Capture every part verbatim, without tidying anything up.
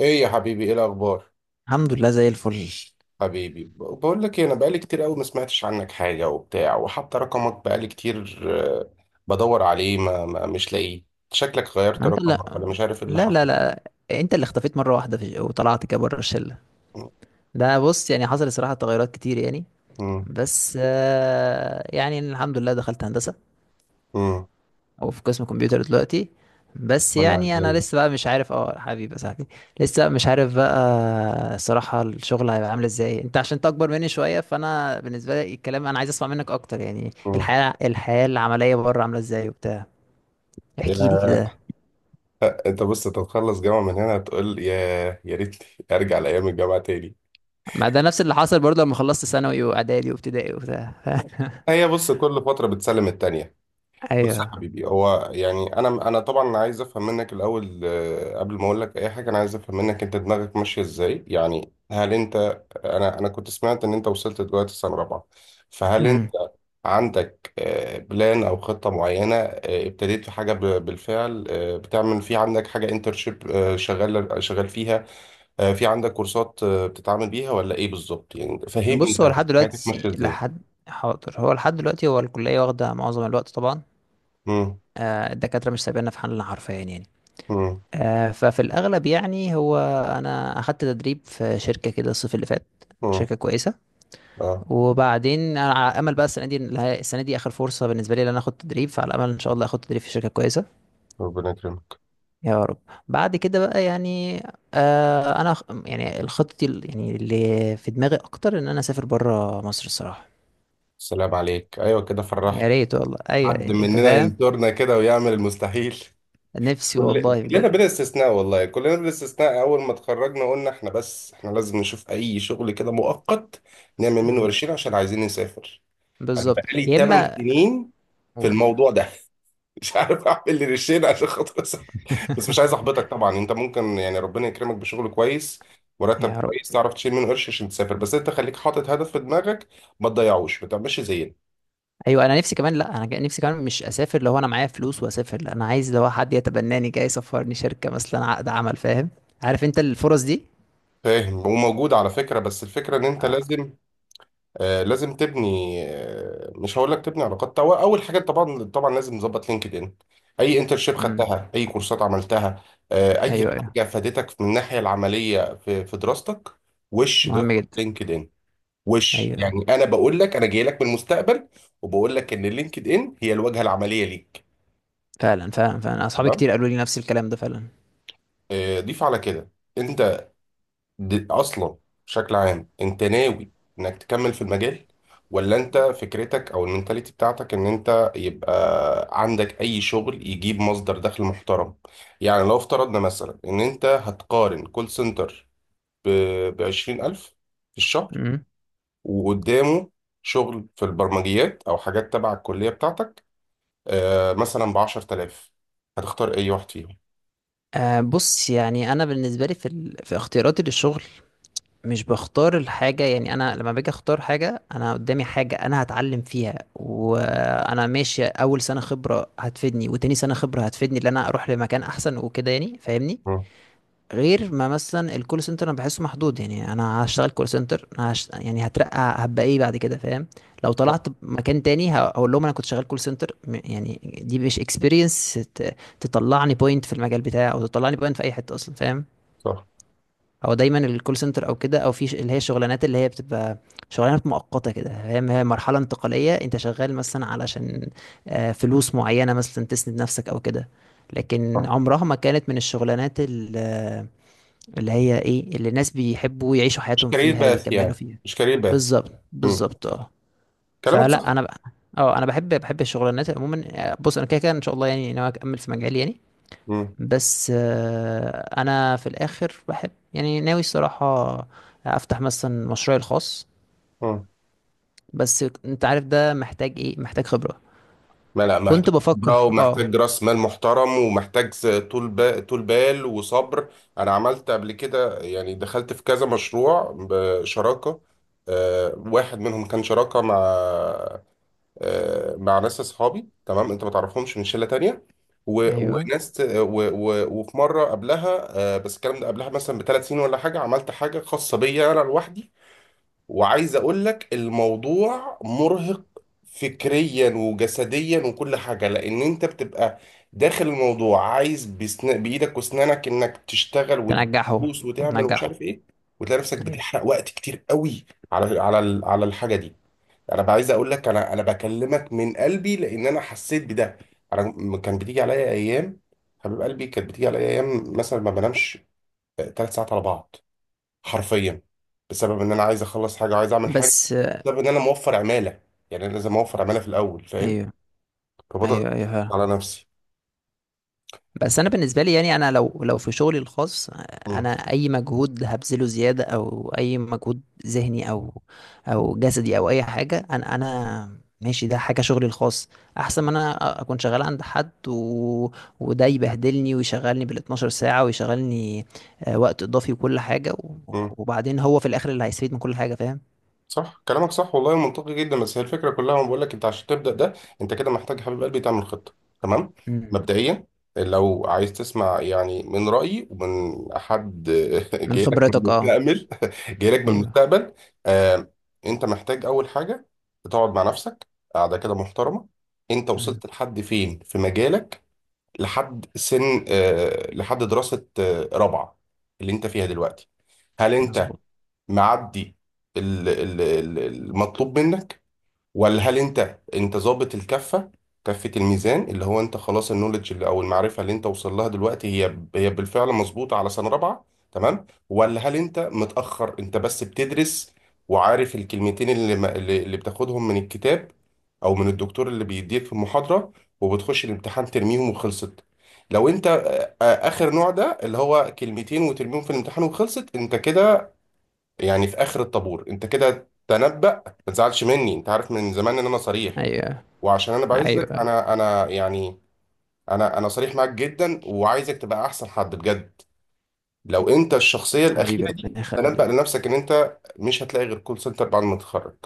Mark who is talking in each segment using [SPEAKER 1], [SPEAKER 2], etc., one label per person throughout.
[SPEAKER 1] ايه يا حبيبي؟ ايه الاخبار؟
[SPEAKER 2] الحمد لله زي الفل.
[SPEAKER 1] حبيبي، ب- بقول لك إيه، انا بقالي كتير قوي ما سمعتش عنك حاجه وبتاع، وحتى رقمك بقالي كتير. آه، بدور عليه، ما, ما مش لاقيه. شكلك غيرت
[SPEAKER 2] ما انت لا.
[SPEAKER 1] رقمك ولا مش عارف ايه اللي
[SPEAKER 2] لا لا
[SPEAKER 1] حصل.
[SPEAKER 2] لا انت اللي اختفيت مره واحده في وطلعت كده بره الشله. ده بص، يعني حصل الصراحه تغيرات كتير يعني.
[SPEAKER 1] امم.
[SPEAKER 2] بس آه، يعني الحمد لله دخلت هندسه،
[SPEAKER 1] امم.
[SPEAKER 2] او في قسم كمبيوتر دلوقتي. بس
[SPEAKER 1] ولا
[SPEAKER 2] يعني انا
[SPEAKER 1] الدنيا.
[SPEAKER 2] لسه بقى مش عارف، اه حبيبي يا صاحبي. لسه مش عارف بقى. الصراحه الشغل هيبقى عامل ازاي؟ انت عشان انت اكبر مني شويه، فانا بالنسبه لي الكلام انا عايز اسمع منك اكتر، يعني
[SPEAKER 1] مم.
[SPEAKER 2] الحياه، الحياه العمليه بره عامله ازاي وبتاع. احكي لي
[SPEAKER 1] يا-
[SPEAKER 2] كده.
[SPEAKER 1] انت بص، تتخلص جامعه من هنا تقول يا يا ريت ارجع لايام الجامعه تاني.
[SPEAKER 2] ما ده نفس اللي حصل برضه لما خلصت ثانوي واعدادي وابتدائي وبتاع.
[SPEAKER 1] هي بص، كل فتره بتسلم التانيه. بص يا
[SPEAKER 2] ايوه.
[SPEAKER 1] حبيبي، هو يعني انا انا طبعا عايز افهم منك الاول، آه، قبل ما اقول لك اي حاجه انا عايز افهم منك انت دماغك ماشيه ازاي. يعني هل انت... انا انا كنت سمعت ان انت وصلت دلوقتي سنه رابعه. فهل انت
[SPEAKER 2] امم.
[SPEAKER 1] عندك آه، بلان او خطه معينه؟ آه، ابتديت في حاجه ب- بالفعل؟ آه، بتعمل، في عندك حاجه انترشيب شغال شغال فيها؟ آه، في عندك كورسات آه، بتتعامل بيها ولا ايه بالظبط؟ يعني فهمني
[SPEAKER 2] بص، هو
[SPEAKER 1] انت
[SPEAKER 2] لحد
[SPEAKER 1] حياتك ماشيه
[SPEAKER 2] دلوقتي
[SPEAKER 1] ازاي.
[SPEAKER 2] لحد، حاضر، هو لحد دلوقتي هو الكليه واخده معظم الوقت طبعا.
[SPEAKER 1] امم.
[SPEAKER 2] آه، الدكاتره مش سايبيننا في حالنا حرفيا يعني.
[SPEAKER 1] امم.
[SPEAKER 2] آه، ففي الاغلب يعني هو، انا اخدت تدريب في شركه كده الصيف اللي فات،
[SPEAKER 1] امم.
[SPEAKER 2] شركه كويسه.
[SPEAKER 1] اه.
[SPEAKER 2] وبعدين انا على امل بقى السنه دي، السنه دي اخر فرصه بالنسبه لي ان انا اخد تدريب، فعلى امل ان شاء الله اخد تدريب في شركه كويسه.
[SPEAKER 1] ربنا يكرمك.
[SPEAKER 2] يا رب. بعد كده بقى يعني، آه انا خ- يعني الخطة ال- يعني اللي في دماغي اكتر ان انا اسافر بره مصر الصراحة.
[SPEAKER 1] السلام عليك، ايوه كده فرحنا.
[SPEAKER 2] يا ريت والله، ايوه
[SPEAKER 1] حد
[SPEAKER 2] يعني انت
[SPEAKER 1] مننا
[SPEAKER 2] فاهم.
[SPEAKER 1] ينطرنا كده ويعمل المستحيل.
[SPEAKER 2] نفسي
[SPEAKER 1] كل...
[SPEAKER 2] والله
[SPEAKER 1] كلنا
[SPEAKER 2] بجد.
[SPEAKER 1] بلا استثناء، والله كلنا بلا استثناء اول ما اتخرجنا قلنا احنا، بس احنا لازم نشوف اي شغل كده مؤقت نعمل منه
[SPEAKER 2] امم.
[SPEAKER 1] ورشين عشان عايزين نسافر. انا
[SPEAKER 2] بالظبط
[SPEAKER 1] بقالي
[SPEAKER 2] يا
[SPEAKER 1] 8
[SPEAKER 2] اما
[SPEAKER 1] سنين في
[SPEAKER 2] اقول.
[SPEAKER 1] الموضوع ده مش عارف اعمل لي ريشين عشان خاطر اسافر. بس مش عايز احبطك طبعا، انت ممكن يعني ربنا يكرمك بشغل كويس، مرتب
[SPEAKER 2] يا رب.
[SPEAKER 1] كويس تعرف تشيل منه قرش عشان تسافر. بس انت خليك حاطط هدف في دماغك. ما تضيعوش، ما تعملش زي...
[SPEAKER 2] ايوه انا نفسي كمان، لا انا جا- نفسي كمان مش اسافر لو انا معايا فلوس واسافر، لا انا عايز لو حد يتبناني جاي يسفرني، شركة مثلا عقد عمل، فاهم؟ عارف انت الفرص دي.
[SPEAKER 1] فاهم؟ وموجود على فكرة، بس الفكرة ان انت
[SPEAKER 2] آه.
[SPEAKER 1] لازم... آه لازم تبني، آه مش هقول لك تبني علاقات، هو اول حاجة طبعا طبعا لازم نظبط لينكد ان. اي انترشيب
[SPEAKER 2] امم.
[SPEAKER 1] خدتها، اي كورسات عملتها، آه اي
[SPEAKER 2] ايوه ايوه،
[SPEAKER 1] حاجة فادتك من الناحية العملية في في دراستك. وش ده؟
[SPEAKER 2] مهم جدا.
[SPEAKER 1] لينكد ان. وش
[SPEAKER 2] ايوه
[SPEAKER 1] يعني؟ انا بقول لك، انا جاي لك من المستقبل، وبقول لك ان لينكد ان هي الواجهة العملية ليك.
[SPEAKER 2] فعلا فعلا فعلا، اصحابي
[SPEAKER 1] تمام.
[SPEAKER 2] كتير قالوا لي نفس الكلام ده فعلا.
[SPEAKER 1] آه ضيف على كده. انت... دي اصلا، بشكل عام، انت ناوي انك تكمل في المجال، ولا انت فكرتك او المنتاليتي بتاعتك ان انت يبقى عندك اي شغل يجيب مصدر دخل محترم؟ يعني لو افترضنا مثلا ان انت هتقارن كول سنتر ب 20000 الف في الشهر،
[SPEAKER 2] امم.
[SPEAKER 1] وقدامه شغل في البرمجيات او حاجات تبع الكلية بتاعتك، آه، مثلا ب عشر الاف، هتختار اي واحد فيهم؟
[SPEAKER 2] أه بص، يعني انا بالنسبه لي في ال... في اختياراتي للشغل، مش بختار الحاجه. يعني انا لما باجي اختار حاجه، انا قدامي حاجه انا هتعلم فيها وانا ماشي، اول سنه خبره هتفيدني، وتاني سنه خبره هتفيدني، ان انا اروح لمكان احسن وكده يعني، فاهمني؟
[SPEAKER 1] مم.
[SPEAKER 2] غير ما مثلا الكول سنتر، انا بحسه محدود. يعني انا هشتغل كول سنتر، أنا هش... يعني هترقى هبقى ايه بعد كده، فاهم؟ لو
[SPEAKER 1] صح
[SPEAKER 2] طلعت مكان تاني هقول لهم انا كنت شغال كول سنتر، م- يعني دي مش اكسبيرينس ت... تطلعني بوينت في المجال بتاعي، او تطلعني بوينت في اي حته اصلا، فاهم؟
[SPEAKER 1] صح
[SPEAKER 2] هو دايما الكول سنتر او كده، او في ش- اللي هي الشغلانات اللي هي بتبقى شغلانات مؤقته كده، فاهم. هي مرحله انتقاليه، انت شغال مثلا علشان آه، فلوس معينه مثلا تسند نفسك او كده. لكن
[SPEAKER 1] صح.
[SPEAKER 2] عمرها ما كانت من الشغلانات ال، اللي هي ايه، اللي الناس بيحبوا يعيشوا
[SPEAKER 1] مش
[SPEAKER 2] حياتهم
[SPEAKER 1] كارير
[SPEAKER 2] فيها
[SPEAKER 1] باث،
[SPEAKER 2] يكملوا
[SPEAKER 1] يعني
[SPEAKER 2] فيها.
[SPEAKER 1] مش كارير باث.
[SPEAKER 2] بالظبط،
[SPEAKER 1] مم.
[SPEAKER 2] بالظبط، اه.
[SPEAKER 1] كلامك
[SPEAKER 2] فلا
[SPEAKER 1] صح.
[SPEAKER 2] انا بقى اه، انا بحب، بحب الشغلانات عموما. آه، بص انا كده كده ان شاء الله يعني ناوي اكمل في مجالي يعني.
[SPEAKER 1] مم.
[SPEAKER 2] بس آه، انا في الاخر بحب، يعني ناوي الصراحه افتح مثلا مشروعي الخاص.
[SPEAKER 1] مم.
[SPEAKER 2] بس انت عارف ده محتاج ايه؟ محتاج خبره.
[SPEAKER 1] ما لا، محتاج
[SPEAKER 2] كنت بفكر
[SPEAKER 1] خبرة،
[SPEAKER 2] اه.
[SPEAKER 1] ومحتاج راس مال محترم، ومحتاج س- طول بال طول بال وصبر. انا عملت قبل كده، يعني دخلت في كذا مشروع بشراكة. آه، واحد منهم كان شراكة مع، آه، مع ناس اصحابي، تمام انت ما تعرفهمش، من شلة تانية. و-
[SPEAKER 2] ايوه
[SPEAKER 1] وناس ت- و- و- وفي مرة قبلها، آه، بس الكلام ده قبلها مثلا بثلاث سنين ولا حاجة، عملت حاجة خاصة بيا انا لوحدي. وعايز اقول لك الموضوع مرهق، فكريا وجسديا وكل حاجة، لان انت بتبقى داخل الموضوع عايز بسن... بايدك واسنانك انك تشتغل
[SPEAKER 2] تنجحه،
[SPEAKER 1] وتدوس وتعمل ومش
[SPEAKER 2] وتنجحه.
[SPEAKER 1] عارف ايه. وتلاقي نفسك
[SPEAKER 2] ايوه.
[SPEAKER 1] بتحرق وقت كتير قوي على على ال- على الحاجة دي. انا بقى عايز اقول لك، انا انا بكلمك من قلبي لان انا حسيت بده. انا م- كان بتيجي عليا ايام، حبيب قلبي، كانت بتيجي عليا ايام مثلا ما بنامش ثلاث ساعات على بعض، حرفيا، بسبب ان انا عايز اخلص حاجه وعايز اعمل حاجه.
[SPEAKER 2] بس آه،
[SPEAKER 1] بسبب ان انا موفر عماله، يعني انا لازم اوفر عماله في الاول، فاهم؟
[SPEAKER 2] ايوه ايوه
[SPEAKER 1] فبضغط
[SPEAKER 2] ايوه.
[SPEAKER 1] على نفسي.
[SPEAKER 2] بس انا بالنسبه لي يعني، انا لو لو في شغلي الخاص انا
[SPEAKER 1] مم.
[SPEAKER 2] اي مجهود هبذله زياده، او اي مجهود ذهني او او جسدي او اي حاجه، انا انا ماشي، ده حاجه شغلي الخاص. احسن ما انا اكون شغال عند حد، و... وده يبهدلني ويشغلني بال اتناشر ساعه، ويشغلني آه، وقت اضافي وكل حاجه و...
[SPEAKER 1] مم.
[SPEAKER 2] وبعدين هو في الاخر اللي هيستفيد من كل حاجه، فاهم؟
[SPEAKER 1] صح، كلامك صح والله، منطقي جدا. بس هي الفكره كلها انا بقول لك، انت عشان تبدا ده، انت كده محتاج يا حبيب قلبي تعمل خطه. تمام،
[SPEAKER 2] مم.
[SPEAKER 1] مبدئيا لو عايز تسمع يعني من رايي، ومن حد
[SPEAKER 2] من
[SPEAKER 1] جاي لك من
[SPEAKER 2] خبرتك اه.
[SPEAKER 1] المستقبل، جاي لك من
[SPEAKER 2] ايوه.
[SPEAKER 1] المستقبل. آه انت محتاج اول حاجه تقعد مع نفسك قاعده كده محترمه. انت
[SPEAKER 2] مم.
[SPEAKER 1] وصلت لحد فين في مجالك؟ لحد سن، آه لحد دراسه، آه رابعه، اللي انت فيها دلوقتي. هل انت
[SPEAKER 2] مظبوط.
[SPEAKER 1] معدي ال- ال- ال- المطلوب منك، ولا هل انت انت ظابط الكفه، كفه الميزان، اللي هو انت خلاص النولج اللي، او المعرفه اللي انت وصل لها دلوقتي، هي ب- هي بالفعل مظبوطه على سنه رابعه؟ تمام. ولا هل انت متاخر، انت بس بتدرس وعارف الكلمتين اللي ما- اللي اللي بتاخدهم من الكتاب او من الدكتور اللي بيديك في المحاضره، وبتخش الامتحان ترميهم وخلصت؟ لو انت آه، آه، اخر نوع ده، اللي هو كلمتين وترميهم في الامتحان وخلصت، انت كده يعني في اخر الطابور. انت كده تنبأ. ما تزعلش مني، انت عارف من زمان ان انا صريح
[SPEAKER 2] ايوه
[SPEAKER 1] وعشان انا بعزك،
[SPEAKER 2] ايوه ايوه.
[SPEAKER 1] انا انا يعني، انا انا صريح معاك جدا وعايزك تبقى احسن حد بجد. لو انت الشخصيه
[SPEAKER 2] حبيبي
[SPEAKER 1] الاخيره
[SPEAKER 2] ربنا
[SPEAKER 1] دي، تنبأ
[SPEAKER 2] يخليك.
[SPEAKER 1] لنفسك ان انت مش هتلاقي غير كول سنتر بعد ما تتخرج.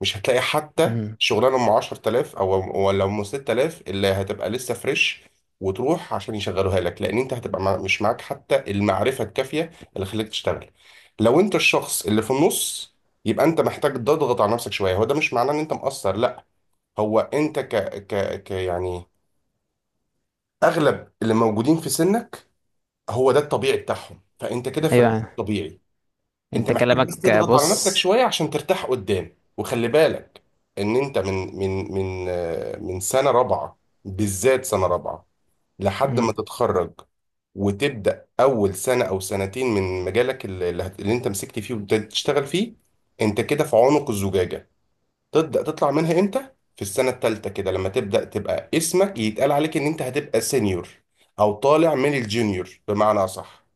[SPEAKER 1] مش هتلاقي حتى
[SPEAKER 2] مم.
[SPEAKER 1] شغلانه ام عشر الاف، او ولا ام سته الاف، اللي هتبقى لسه فريش وتروح عشان يشغلوها لك، لان انت هتبقى مع- مش معاك حتى المعرفه الكافيه اللي خليك تشتغل. لو انت الشخص اللي في النص، يبقى انت محتاج تضغط على نفسك شويه. هو ده مش معناه ان انت مقصر، لا، هو انت ك ك ك يعني اغلب اللي موجودين في سنك هو ده الطبيعي بتاعهم، فانت كده في الريتم
[SPEAKER 2] ايوه.
[SPEAKER 1] الطبيعي.
[SPEAKER 2] انت
[SPEAKER 1] انت محتاج بس
[SPEAKER 2] كلامك
[SPEAKER 1] تضغط على نفسك
[SPEAKER 2] بص.
[SPEAKER 1] شويه عشان ترتاح قدام. وخلي بالك ان انت من من من آه، من سنه رابعه، بالذات سنه رابعه، لحد ما
[SPEAKER 2] مم.
[SPEAKER 1] تتخرج وتبدا اول سنه او سنتين من مجالك اللي, اللي هت- اللي انت مسكت فيه وابتديت تشتغل فيه، انت كده في عنق الزجاجه. تبدا تطلع منها امتى؟ في السنه الثالثه كده، لما تبدا تبقى اسمك يتقال عليك ان انت هتبقى سينيور، او طالع من الجونيور بمعنى اصح.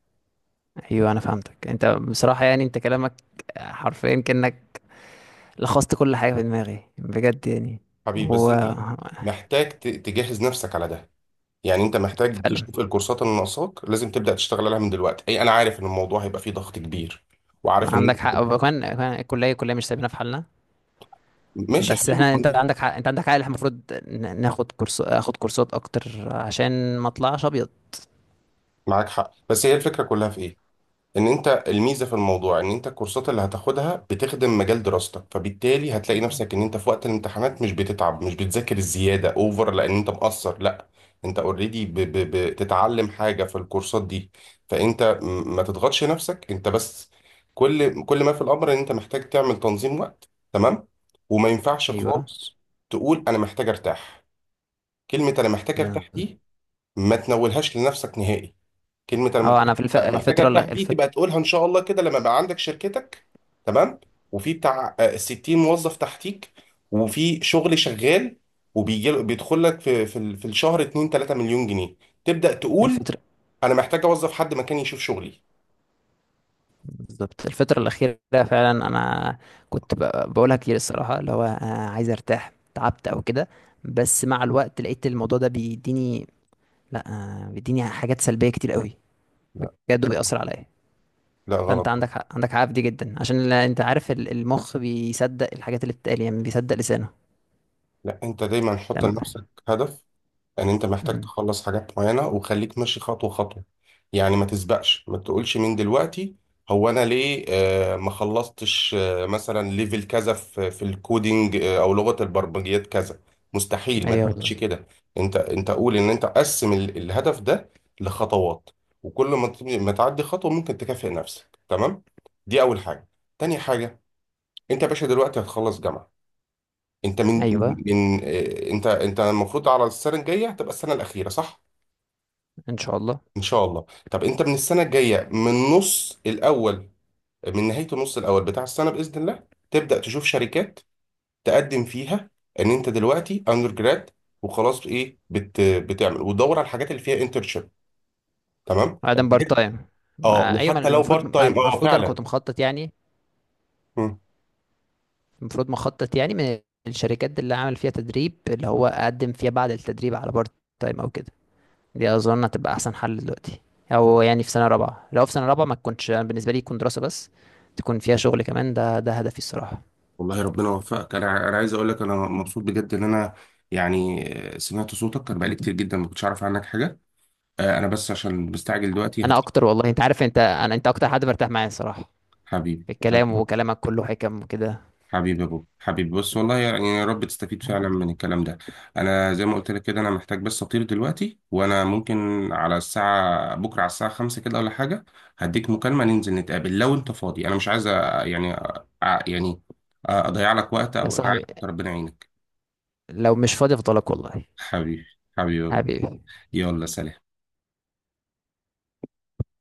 [SPEAKER 2] ايوه انا فهمتك انت بصراحة يعني، انت كلامك حرفيا كأنك لخصت كل حاجة في دماغي بجد يعني.
[SPEAKER 1] حبيبي، بس
[SPEAKER 2] و
[SPEAKER 1] انت محتاج ت- تجهز نفسك على ده. يعني انت محتاج
[SPEAKER 2] فعلا
[SPEAKER 1] تشوف الكورسات اللي ناقصاك، لازم تبدا تشتغل عليها من دلوقتي. اي، انا عارف ان الموضوع هيبقى فيه ضغط كبير، وعارف ان
[SPEAKER 2] عندك حق.
[SPEAKER 1] انت...
[SPEAKER 2] وكمان كمان الكلية، الكلية مش سايبينها في حالنا.
[SPEAKER 1] ماشي يا
[SPEAKER 2] بس
[SPEAKER 1] حبيبي.
[SPEAKER 2] احنا، انت عندك حق، انت عندك حق، اللي احنا المفروض ن- ناخد كورس، اخد كورسات اكتر عشان ما اطلعش ابيض.
[SPEAKER 1] معاك حق، بس هي الفكره كلها في ايه، ان انت الميزه في الموضوع ان انت الكورسات اللي هتاخدها بتخدم مجال دراستك، فبالتالي هتلاقي نفسك ان انت في وقت الامتحانات مش بتتعب، مش بتذاكر الزياده اوفر لان انت مقصر، لا، انت اوريدي بتتعلم حاجه في الكورسات دي. فانت م- ما تضغطش نفسك. انت بس، كل كل ما في الامر ان انت محتاج تعمل تنظيم وقت، تمام؟ وما ينفعش
[SPEAKER 2] ايوه
[SPEAKER 1] خالص تقول انا محتاج ارتاح. كلمه انا محتاج ارتاح
[SPEAKER 2] بالظبط.
[SPEAKER 1] دي ما تنولهاش لنفسك نهائي. كلمة أنا
[SPEAKER 2] اه
[SPEAKER 1] مرتاح
[SPEAKER 2] انا في الف...
[SPEAKER 1] محتاج
[SPEAKER 2] الفترة اللي
[SPEAKER 1] أرتاح دي،
[SPEAKER 2] الفت...
[SPEAKER 1] تبقى تقولها إن شاء الله كده لما يبقى عندك شركتك، تمام، وفي بتاع آه، ستين موظف تحتيك، وفي شغل شغال وبيجي بيدخل لك في في ال- في الشهر اتنين تلاته مليون جنيه، تبدأ تقول
[SPEAKER 2] الفترة
[SPEAKER 1] أنا محتاج أوظف حد مكاني يشوف شغلي.
[SPEAKER 2] بالظبط، الفترة الأخيرة فعلا أنا كنت ب- بقولها كتير الصراحة، اللي هو أنا عايز أرتاح، تعبت أو كده. بس مع الوقت لقيت الموضوع ده بيديني، لأ آه، بيديني حاجات سلبية كتير قوي،
[SPEAKER 1] لا.
[SPEAKER 2] بجد بيأثر عليا.
[SPEAKER 1] لا،
[SPEAKER 2] فأنت
[SPEAKER 1] غلط.
[SPEAKER 2] عندك حق، عندك حق في دي جدا. عشان ال- أنت عارف ال- المخ بيصدق الحاجات اللي بتتقال، يعني بيصدق لسانه
[SPEAKER 1] لا، أنت دايما حط
[SPEAKER 2] لما.
[SPEAKER 1] لنفسك هدف. يعني انت محتاج
[SPEAKER 2] مم.
[SPEAKER 1] تخلص حاجات معينة وخليك ماشي خطوة خطوة. يعني ما تسبقش، ما تقولش من دلوقتي هو انا ليه آه ما خلصتش آه مثلا ليفل كذا في في الكودينج، آه او لغة البرمجيات كذا. مستحيل ما
[SPEAKER 2] أيوه
[SPEAKER 1] تعملش
[SPEAKER 2] بالظبط.
[SPEAKER 1] كده. انت انت قول ان انت قسم ال- الهدف ده لخطوات، وكل ما ت- ما تعدي خطوة ممكن تكافئ نفسك. تمام، دي اول حاجة. تاني حاجة، انت يا باشا دلوقتي هتخلص جامعة. انت من
[SPEAKER 2] أيوه
[SPEAKER 1] من، آه، انت انت المفروض على السنه الجايه هتبقى السنه الاخيره، صح؟
[SPEAKER 2] إن شاء الله.
[SPEAKER 1] ان شاء الله. طب انت من السنه الجايه، من النص الاول، من نهايه النص الاول بتاع السنه باذن الله، تبدا تشوف شركات تقدم فيها، ان انت دلوقتي اندر جراد وخلاص، ايه بت بتعمل، وتدور على الحاجات اللي فيها انترشيب. تمام
[SPEAKER 2] بعدين بارت
[SPEAKER 1] الحاجات-
[SPEAKER 2] تايم.
[SPEAKER 1] اه،
[SPEAKER 2] ما أيوه، ما
[SPEAKER 1] وحتى لو
[SPEAKER 2] المفروض،
[SPEAKER 1] بارت تايم، اه،
[SPEAKER 2] المفروض أنا
[SPEAKER 1] فعلا.
[SPEAKER 2] كنت مخطط يعني،
[SPEAKER 1] مم.
[SPEAKER 2] المفروض مخطط يعني من الشركات اللي اعمل فيها تدريب، اللي هو اقدم فيها بعد التدريب على بارت تايم او كده. دي اظن هتبقى احسن حل دلوقتي. او يعني في سنه رابعه، لو في سنه رابعه ما تكونش، أنا بالنسبه لي تكون دراسه بس، تكون فيها شغل كمان، ده ده هدفي الصراحه.
[SPEAKER 1] والله ربنا يوفقك. انا انا عايز اقول لك انا مبسوط بجد ان انا يعني سمعت صوتك، كان بقالي كتير جدا ما كنتش اعرف عنك حاجه. آه، انا بس عشان مستعجل دلوقتي
[SPEAKER 2] انا
[SPEAKER 1] هطلع.
[SPEAKER 2] اكتر والله. انت عارف، انت انا انت اكتر حد برتاح معايا الصراحه
[SPEAKER 1] حبيبي،
[SPEAKER 2] في الكلام، وكلامك كله حكم وكده.
[SPEAKER 1] حبيبي يا بوب، حبيبي بص، والله يعني يا رب تستفيد فعلا من الكلام ده. انا زي ما قلت لك كده، انا محتاج بس اطير دلوقتي. وانا ممكن على الساعه بكره، على الساعه خمسة كده ولا حاجه، هديك مكالمه ننزل نتقابل لو انت فاضي. انا مش عايز أ- يعني أ- يعني اضيع لك وقت،
[SPEAKER 2] يا
[SPEAKER 1] او انا
[SPEAKER 2] صاحبي،
[SPEAKER 1] عارف إنت ربنا يعينك.
[SPEAKER 2] لو مش فاضي افضلك والله.
[SPEAKER 1] حبيبي. حبيبي يا بوب.
[SPEAKER 2] حبيبي.
[SPEAKER 1] يلا، سلام.